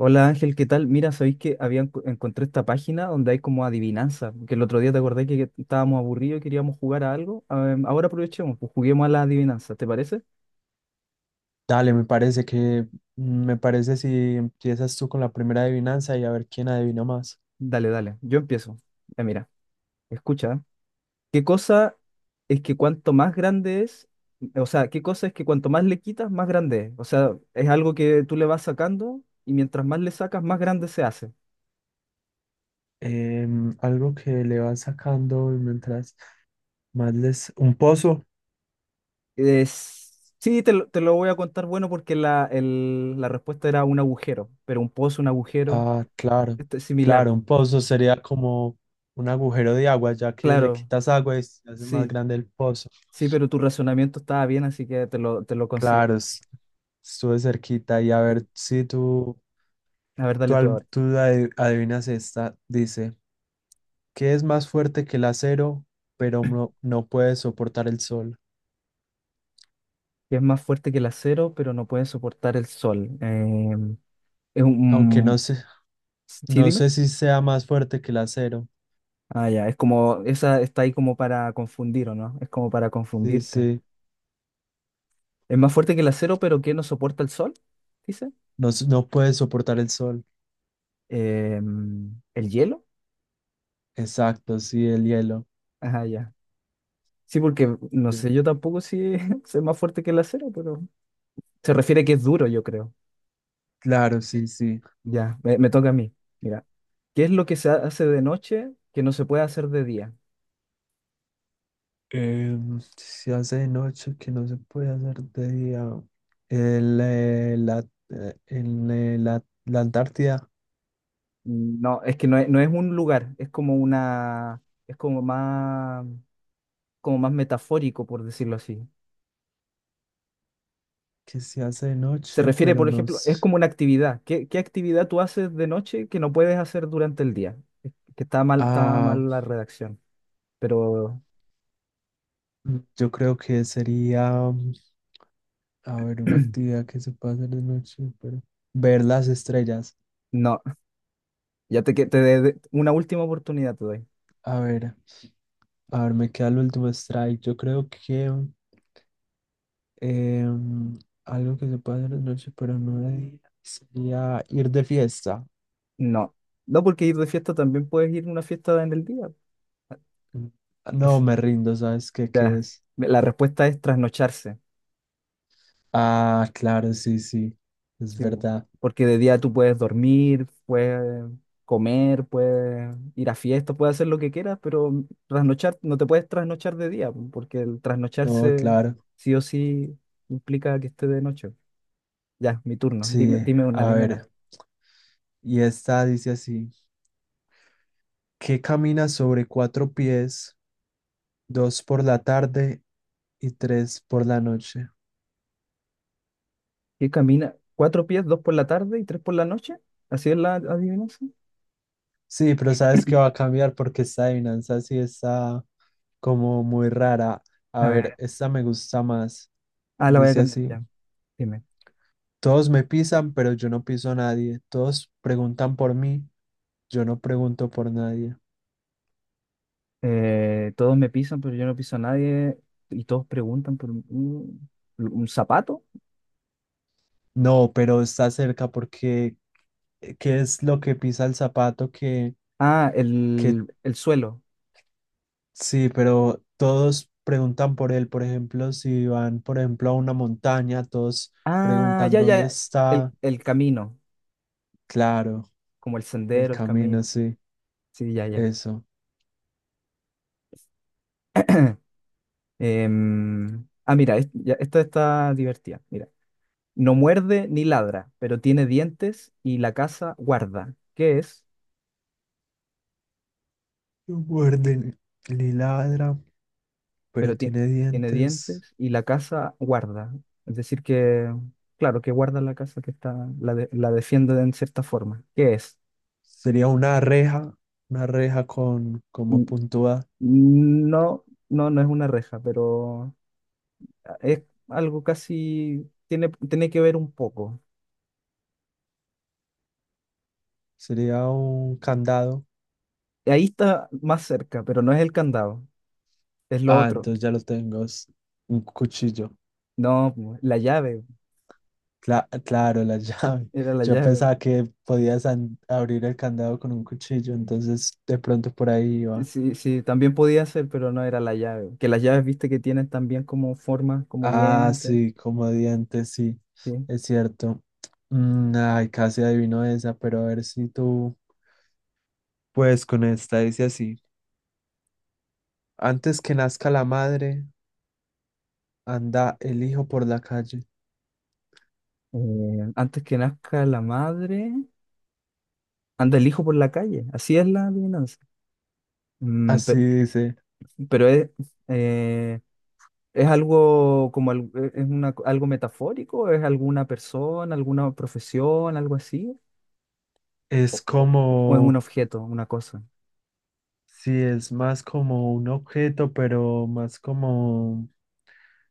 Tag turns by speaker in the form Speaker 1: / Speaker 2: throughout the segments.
Speaker 1: Hola Ángel, ¿qué tal? Mira, sabéis que encontré esta página donde hay como adivinanza, que el otro día te acordé que estábamos aburridos y queríamos jugar a algo. Ahora aprovechemos, pues juguemos a la adivinanza, ¿te parece?
Speaker 2: Dale, me parece que, me parece si empiezas tú con la primera adivinanza y a ver quién adivina más.
Speaker 1: Dale, dale, yo empiezo. Ya mira, escucha, ¿eh? ¿Qué cosa es que cuanto más grande es, o sea, qué cosa es que cuanto más le quitas, más grande es? O sea, es algo que tú le vas sacando y mientras más le sacas, más grande se hace.
Speaker 2: Algo que le vas sacando mientras más les... ¿Un pozo?
Speaker 1: Sí, te lo voy a contar bueno porque la respuesta era un agujero, pero un pozo, un agujero,
Speaker 2: Ah, claro,
Speaker 1: esto es similar.
Speaker 2: claro,
Speaker 1: Po.
Speaker 2: un pozo sería como un agujero de agua, ya que le
Speaker 1: Claro,
Speaker 2: quitas agua y se hace más
Speaker 1: sí,
Speaker 2: grande el pozo.
Speaker 1: sí, pero tu razonamiento estaba bien, así que te lo considero.
Speaker 2: Claro, es- estuve cerquita y a
Speaker 1: Sí.
Speaker 2: ver si tú,
Speaker 1: A ver,
Speaker 2: tú,
Speaker 1: dale tú
Speaker 2: al-
Speaker 1: ahora.
Speaker 2: tú adi- adivinas esta. Dice, ¿qué es más fuerte que el acero, pero no puede soportar el sol?
Speaker 1: Es más fuerte que el acero, pero no puede soportar el sol. Es
Speaker 2: Aunque no
Speaker 1: un...
Speaker 2: sé,
Speaker 1: Sí,
Speaker 2: no
Speaker 1: dime.
Speaker 2: sé si sea más fuerte que el acero.
Speaker 1: Ah, ya, es como, esa está ahí como para confundir, ¿o no? Es como para
Speaker 2: Sí,
Speaker 1: confundirte.
Speaker 2: sí.
Speaker 1: Es más fuerte que el acero, pero que no soporta el sol, dice.
Speaker 2: No, s- no puede soportar el sol.
Speaker 1: El hielo.
Speaker 2: Exacto, sí, el hielo.
Speaker 1: Ajá, ya. Sí, porque no sé,
Speaker 2: Bien.
Speaker 1: yo tampoco si soy más fuerte que el acero, pero se refiere que es duro, yo creo.
Speaker 2: Claro, sí, sí.
Speaker 1: Ya, me toca a mí. Mira, ¿qué es lo que se hace de noche que no se puede hacer de día?
Speaker 2: Se hace de noche que no se puede hacer de día. El, la, en, la Antártida,
Speaker 1: No, es que no es un lugar, es como una, es como más metafórico, por decirlo así.
Speaker 2: que se hace de
Speaker 1: Se
Speaker 2: noche,
Speaker 1: refiere,
Speaker 2: pero
Speaker 1: por
Speaker 2: no
Speaker 1: ejemplo, es
Speaker 2: s-
Speaker 1: como una actividad. Qué actividad tú haces de noche que no puedes hacer durante el día? Es que está
Speaker 2: Ah,
Speaker 1: mal la redacción, pero
Speaker 2: mm, yo creo que sería, mm, a ver, una actividad que se puede hacer de noche, pero ver las estrellas.
Speaker 1: no. Ya te, que- te de- Una última oportunidad te doy.
Speaker 2: A ver. A ver, me queda el último strike. Yo creo que em, algo que se puede hacer de noche, pero no de día, sería ir de fiesta.
Speaker 1: No. No, porque ir de fiesta también puedes ir a una fiesta en el día.
Speaker 2: Mm, no,
Speaker 1: Así-
Speaker 2: me rindo, ¿sabes qué, qué
Speaker 1: Ya.
Speaker 2: es?
Speaker 1: La respuesta es trasnocharse.
Speaker 2: Ah, claro, sí, sí, es
Speaker 1: Sí, bu.
Speaker 2: verdad.
Speaker 1: Porque de día tú puedes dormir, puedes comer, puedes ir a fiestas, puedes hacer lo que quieras, pero trasnochar, no te puedes trasnochar de día, bu, porque el
Speaker 2: No,
Speaker 1: trasnocharse
Speaker 2: claro,
Speaker 1: sí o sí implica que esté de noche. Ya, mi turno.
Speaker 2: sí.
Speaker 1: Dime,
Speaker 2: A
Speaker 1: dime
Speaker 2: ver,
Speaker 1: una.
Speaker 2: y esta dice así, que camina sobre cuatro pies, dos por la tarde y tres por la noche.
Speaker 1: ¿Qué camina? ¿Cuatro pies, dos por la tarde y tres por la noche? ¿Así es la adivinanza?
Speaker 2: Sí, pero sabes que va a cambiar porque esta adivinanza sí está como muy rara. A
Speaker 1: A
Speaker 2: ver,
Speaker 1: ver,
Speaker 2: esta me gusta más.
Speaker 1: ah, la voy a
Speaker 2: Dice
Speaker 1: cambiar
Speaker 2: así,
Speaker 1: ya. Dime.
Speaker 2: todos me pisan, pero yo no piso a nadie. Todos preguntan por mí, yo no pregunto por nadie.
Speaker 1: Todos me pisan, pero yo no piso a nadie. Y todos preguntan por un zapato.
Speaker 2: No, pero está cerca porque ¿qué es lo que pisa el zapato
Speaker 1: Ah,
Speaker 2: que
Speaker 1: el suelo.
Speaker 2: sí, pero todos preguntan por él, por ejemplo, si van, por ejemplo, a una montaña, todos
Speaker 1: Ah,
Speaker 2: preguntan
Speaker 1: ya,
Speaker 2: dónde
Speaker 1: ya.
Speaker 2: está,
Speaker 1: El camino.
Speaker 2: claro,
Speaker 1: Como el
Speaker 2: el
Speaker 1: sendero, el
Speaker 2: camino,
Speaker 1: camino.
Speaker 2: sí,
Speaker 1: Sí, ya, ya.
Speaker 2: eso.
Speaker 1: Mira, esta está divertida. Mira. No muerde ni ladra, pero tiene dientes y la casa guarda. ¿Qué es?
Speaker 2: Lo muerden y ladra, pero
Speaker 1: pero tie-
Speaker 2: tiene
Speaker 1: Tiene
Speaker 2: dientes.
Speaker 1: dientes y la casa guarda. Es decir, que, claro, que guarda la casa que está, la defiende en cierta forma. ¿Qué es?
Speaker 2: Sería una reja con como
Speaker 1: N-
Speaker 2: puntúa.
Speaker 1: No, no, no es una reja, pero ah, es algo casi, tiene que ver un poco.
Speaker 2: Sería un candado.
Speaker 1: Ahí está más cerca, pero no es el candado, es lo
Speaker 2: Ah,
Speaker 1: otro.
Speaker 2: entonces ya lo tengo. Es un cuchillo.
Speaker 1: No, pues, la llave,
Speaker 2: Cla- claro, la llave.
Speaker 1: era la
Speaker 2: Yo
Speaker 1: llave.
Speaker 2: pensaba que podías an- abrir el candado con un cuchillo, entonces de pronto por ahí iba.
Speaker 1: Sí, sí, también podía ser, pero no era la llave. Que las llaves, viste, que tienen también como formas, como
Speaker 2: Ah,
Speaker 1: dientes.
Speaker 2: sí, como dientes, sí,
Speaker 1: Sí.
Speaker 2: es cierto. Mm, ay, casi adivino esa, pero a ver si tú, pues con esta dice así. Antes que nazca la madre, anda el hijo por la calle.
Speaker 1: Antes que nazca la madre, anda el hijo por la calle. Así es la adivinanza. Mm,
Speaker 2: Así
Speaker 1: pe-
Speaker 2: dice.
Speaker 1: pero eh, es algo como es una, algo metafórico, es alguna persona, alguna profesión, algo así,
Speaker 2: Es
Speaker 1: o, o- o es un
Speaker 2: como,
Speaker 1: objeto, una cosa.
Speaker 2: sí, es más como un objeto, pero más como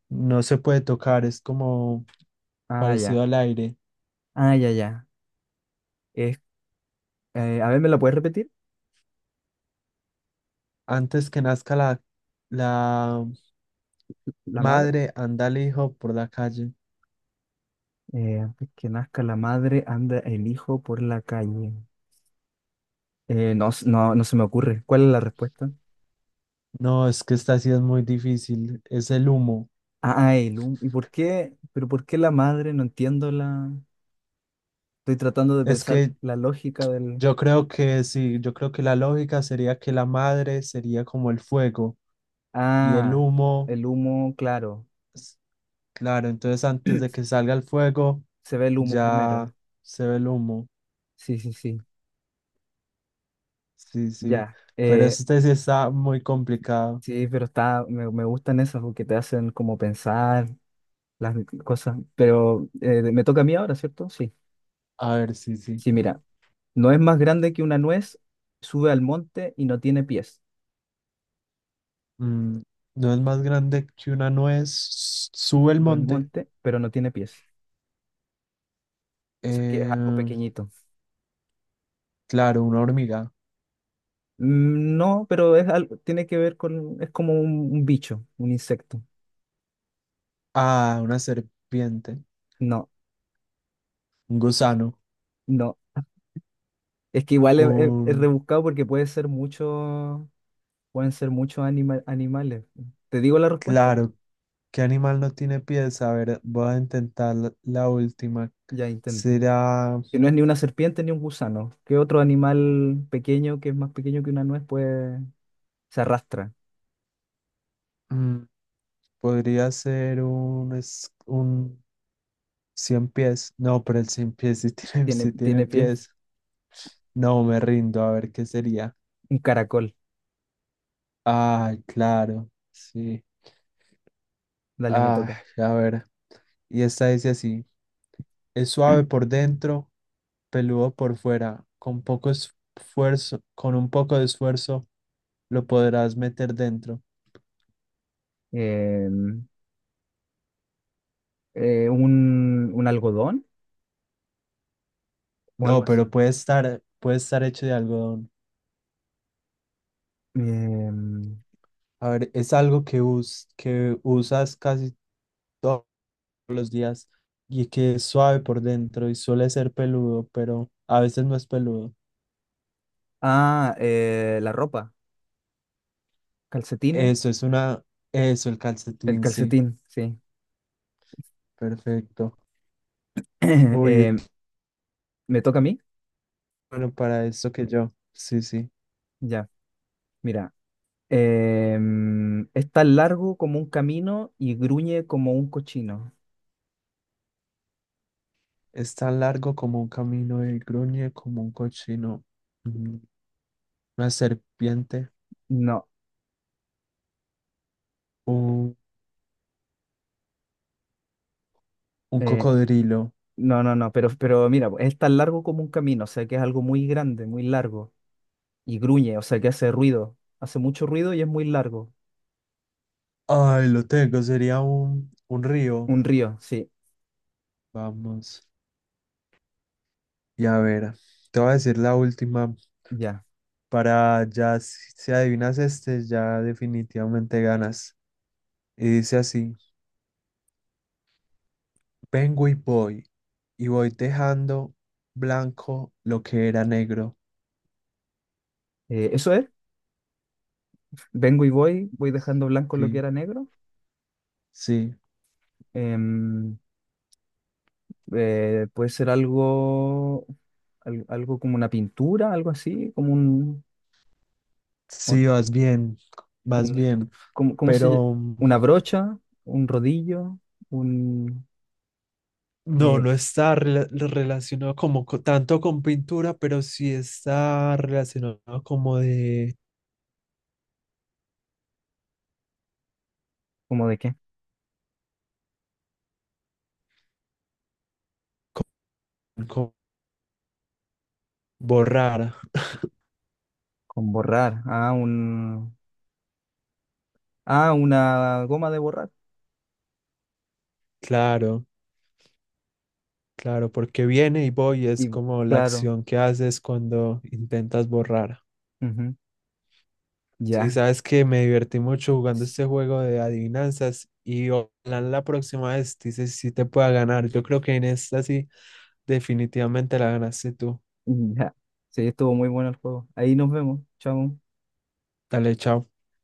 Speaker 2: no se puede tocar, es como
Speaker 1: Ah,
Speaker 2: parecido
Speaker 1: ya.
Speaker 2: al aire.
Speaker 1: Ah, ya, ya. Es, a ver, ¿me la puedes repetir?
Speaker 2: Antes que nazca la
Speaker 1: La madre.
Speaker 2: madre, anda el hijo por la calle.
Speaker 1: Antes que nazca la madre, anda el hijo por la calle. No, no, no se me ocurre. ¿Cuál es la respuesta?
Speaker 2: No, es que esta sí es muy difícil. Es el humo.
Speaker 1: Ah, ¿y por qué? ¿Pero por qué la madre? No entiendo la... Estoy tratando de
Speaker 2: Es
Speaker 1: pensar
Speaker 2: que
Speaker 1: la lógica del...
Speaker 2: yo creo que sí, yo creo que la lógica sería que la madre sería como el fuego y el
Speaker 1: Ah,
Speaker 2: humo.
Speaker 1: el humo, claro.
Speaker 2: Claro, entonces antes de que salga el fuego
Speaker 1: Se ve el humo
Speaker 2: ya
Speaker 1: primero.
Speaker 2: se ve el humo.
Speaker 1: Sí, sí, sí.
Speaker 2: Sí, sí.
Speaker 1: Ya.
Speaker 2: Pero este sí está muy complicado.
Speaker 1: Sí, pero está... Me gustan esas porque te hacen como pensar las cosas. Pero me toca a mí ahora, ¿cierto? Sí.
Speaker 2: A ver, sí, sí.
Speaker 1: Sí, mira. No es más grande que una nuez, sube al monte y no tiene pies.
Speaker 2: Mm, no es más grande que una nuez. Sube el
Speaker 1: Sube al
Speaker 2: monte.
Speaker 1: monte, pero no tiene pies. O sea que es algo
Speaker 2: Eh,
Speaker 1: pequeñito.
Speaker 2: claro, una hormiga.
Speaker 1: Mm, no, pero es algo, tiene que ver con, es como un bicho, un insecto.
Speaker 2: Ah, una serpiente.
Speaker 1: No,
Speaker 2: Un gusano.
Speaker 1: no. Es que igual es, es
Speaker 2: Un...
Speaker 1: rebuscado porque puede ser mucho, pueden ser muchos animales. ¿Te digo la respuesta?
Speaker 2: Claro, ¿qué animal no tiene pies? A ver, voy a intentar la última.
Speaker 1: Ya intenta.
Speaker 2: Será...
Speaker 1: Que no es ni una serpiente ni un gusano. ¿Qué otro animal pequeño que es más pequeño que una nuez puede, se arrastra?
Speaker 2: mm, podría ser es- un 100 pies. No, pero el 100 pies sí tiene, sí tiene
Speaker 1: Tiene pies,
Speaker 2: pies. No, me rindo. A ver qué sería.
Speaker 1: un caracol.
Speaker 2: Ay, claro. Sí.
Speaker 1: Dale, me
Speaker 2: Ay,
Speaker 1: toca.
Speaker 2: a ver. Y esta dice así. Es suave por dentro, peludo por fuera. Con poco esfuerzo, con un poco de esfuerzo, lo podrás meter dentro.
Speaker 1: Em, un algodón o
Speaker 2: No,
Speaker 1: algo así.
Speaker 2: pero puede estar hecho de algodón.
Speaker 1: Em,
Speaker 2: A ver, es algo que, us- que usas casi todos los días y que es suave por dentro y suele ser peludo, pero a veces no es peludo.
Speaker 1: ah, la ropa, calcetines,
Speaker 2: Eso es una, eso, el
Speaker 1: el
Speaker 2: calcetín, sí,
Speaker 1: calcetín, sí.
Speaker 2: perfecto. Uy,
Speaker 1: Eh,
Speaker 2: t-
Speaker 1: ¿me toca a mí?
Speaker 2: bueno, para esto que yo, sí, sí.
Speaker 1: Ya, mira. Em, es tan largo como un camino y gruñe como un cochino.
Speaker 2: Es tan largo como un camino y gruñe como un cochino, mm, una serpiente,
Speaker 1: No,
Speaker 2: un, un
Speaker 1: eh,
Speaker 2: cocodrilo.
Speaker 1: no, no, no, pero mira, es tan largo como un camino, o sea que es algo muy grande, muy largo, y gruñe, o sea que hace ruido, hace mucho ruido y es muy largo.
Speaker 2: Ay, lo tengo, sería un río.
Speaker 1: Un río, sí,
Speaker 2: Vamos. Y a ver, te voy a decir la última
Speaker 1: ya.
Speaker 2: para ya, si si adivinas este, ya definitivamente ganas. Y dice así, vengo y voy dejando blanco lo que era negro.
Speaker 1: Eso es, vengo y voy, voy dejando blanco lo que
Speaker 2: Sí,
Speaker 1: era negro.
Speaker 2: sí,
Speaker 1: Em, eh, puede ser algo, algo como una pintura, algo así, como un, un-
Speaker 2: sí, vas
Speaker 1: un-
Speaker 2: bien,
Speaker 1: como- ¿cómo se ll-
Speaker 2: pero mm,
Speaker 1: una brocha, un rodillo, un,
Speaker 2: no,
Speaker 1: eh,
Speaker 2: no está rela- relacionado como co- tanto con pintura, pero sí está relacionado como de
Speaker 1: ¿cómo de qué?
Speaker 2: con borrar,
Speaker 1: Con borrar, ah, un, ah, una goma de borrar.
Speaker 2: claro. Claro, porque viene y voy es
Speaker 1: Y
Speaker 2: como la
Speaker 1: claro,
Speaker 2: acción que haces cuando intentas borrar.
Speaker 1: ujú,
Speaker 2: Sí,
Speaker 1: ya,
Speaker 2: sabes que me divertí mucho jugando este juego de adivinanzas y ojalá la próxima vez dices si te pueda ganar. Yo creo que en esta sí definitivamente la ganaste tú.
Speaker 1: ya. Sí, estuvo muy bueno el juego. Ahí nos vemos, chao.
Speaker 2: Dale, chao.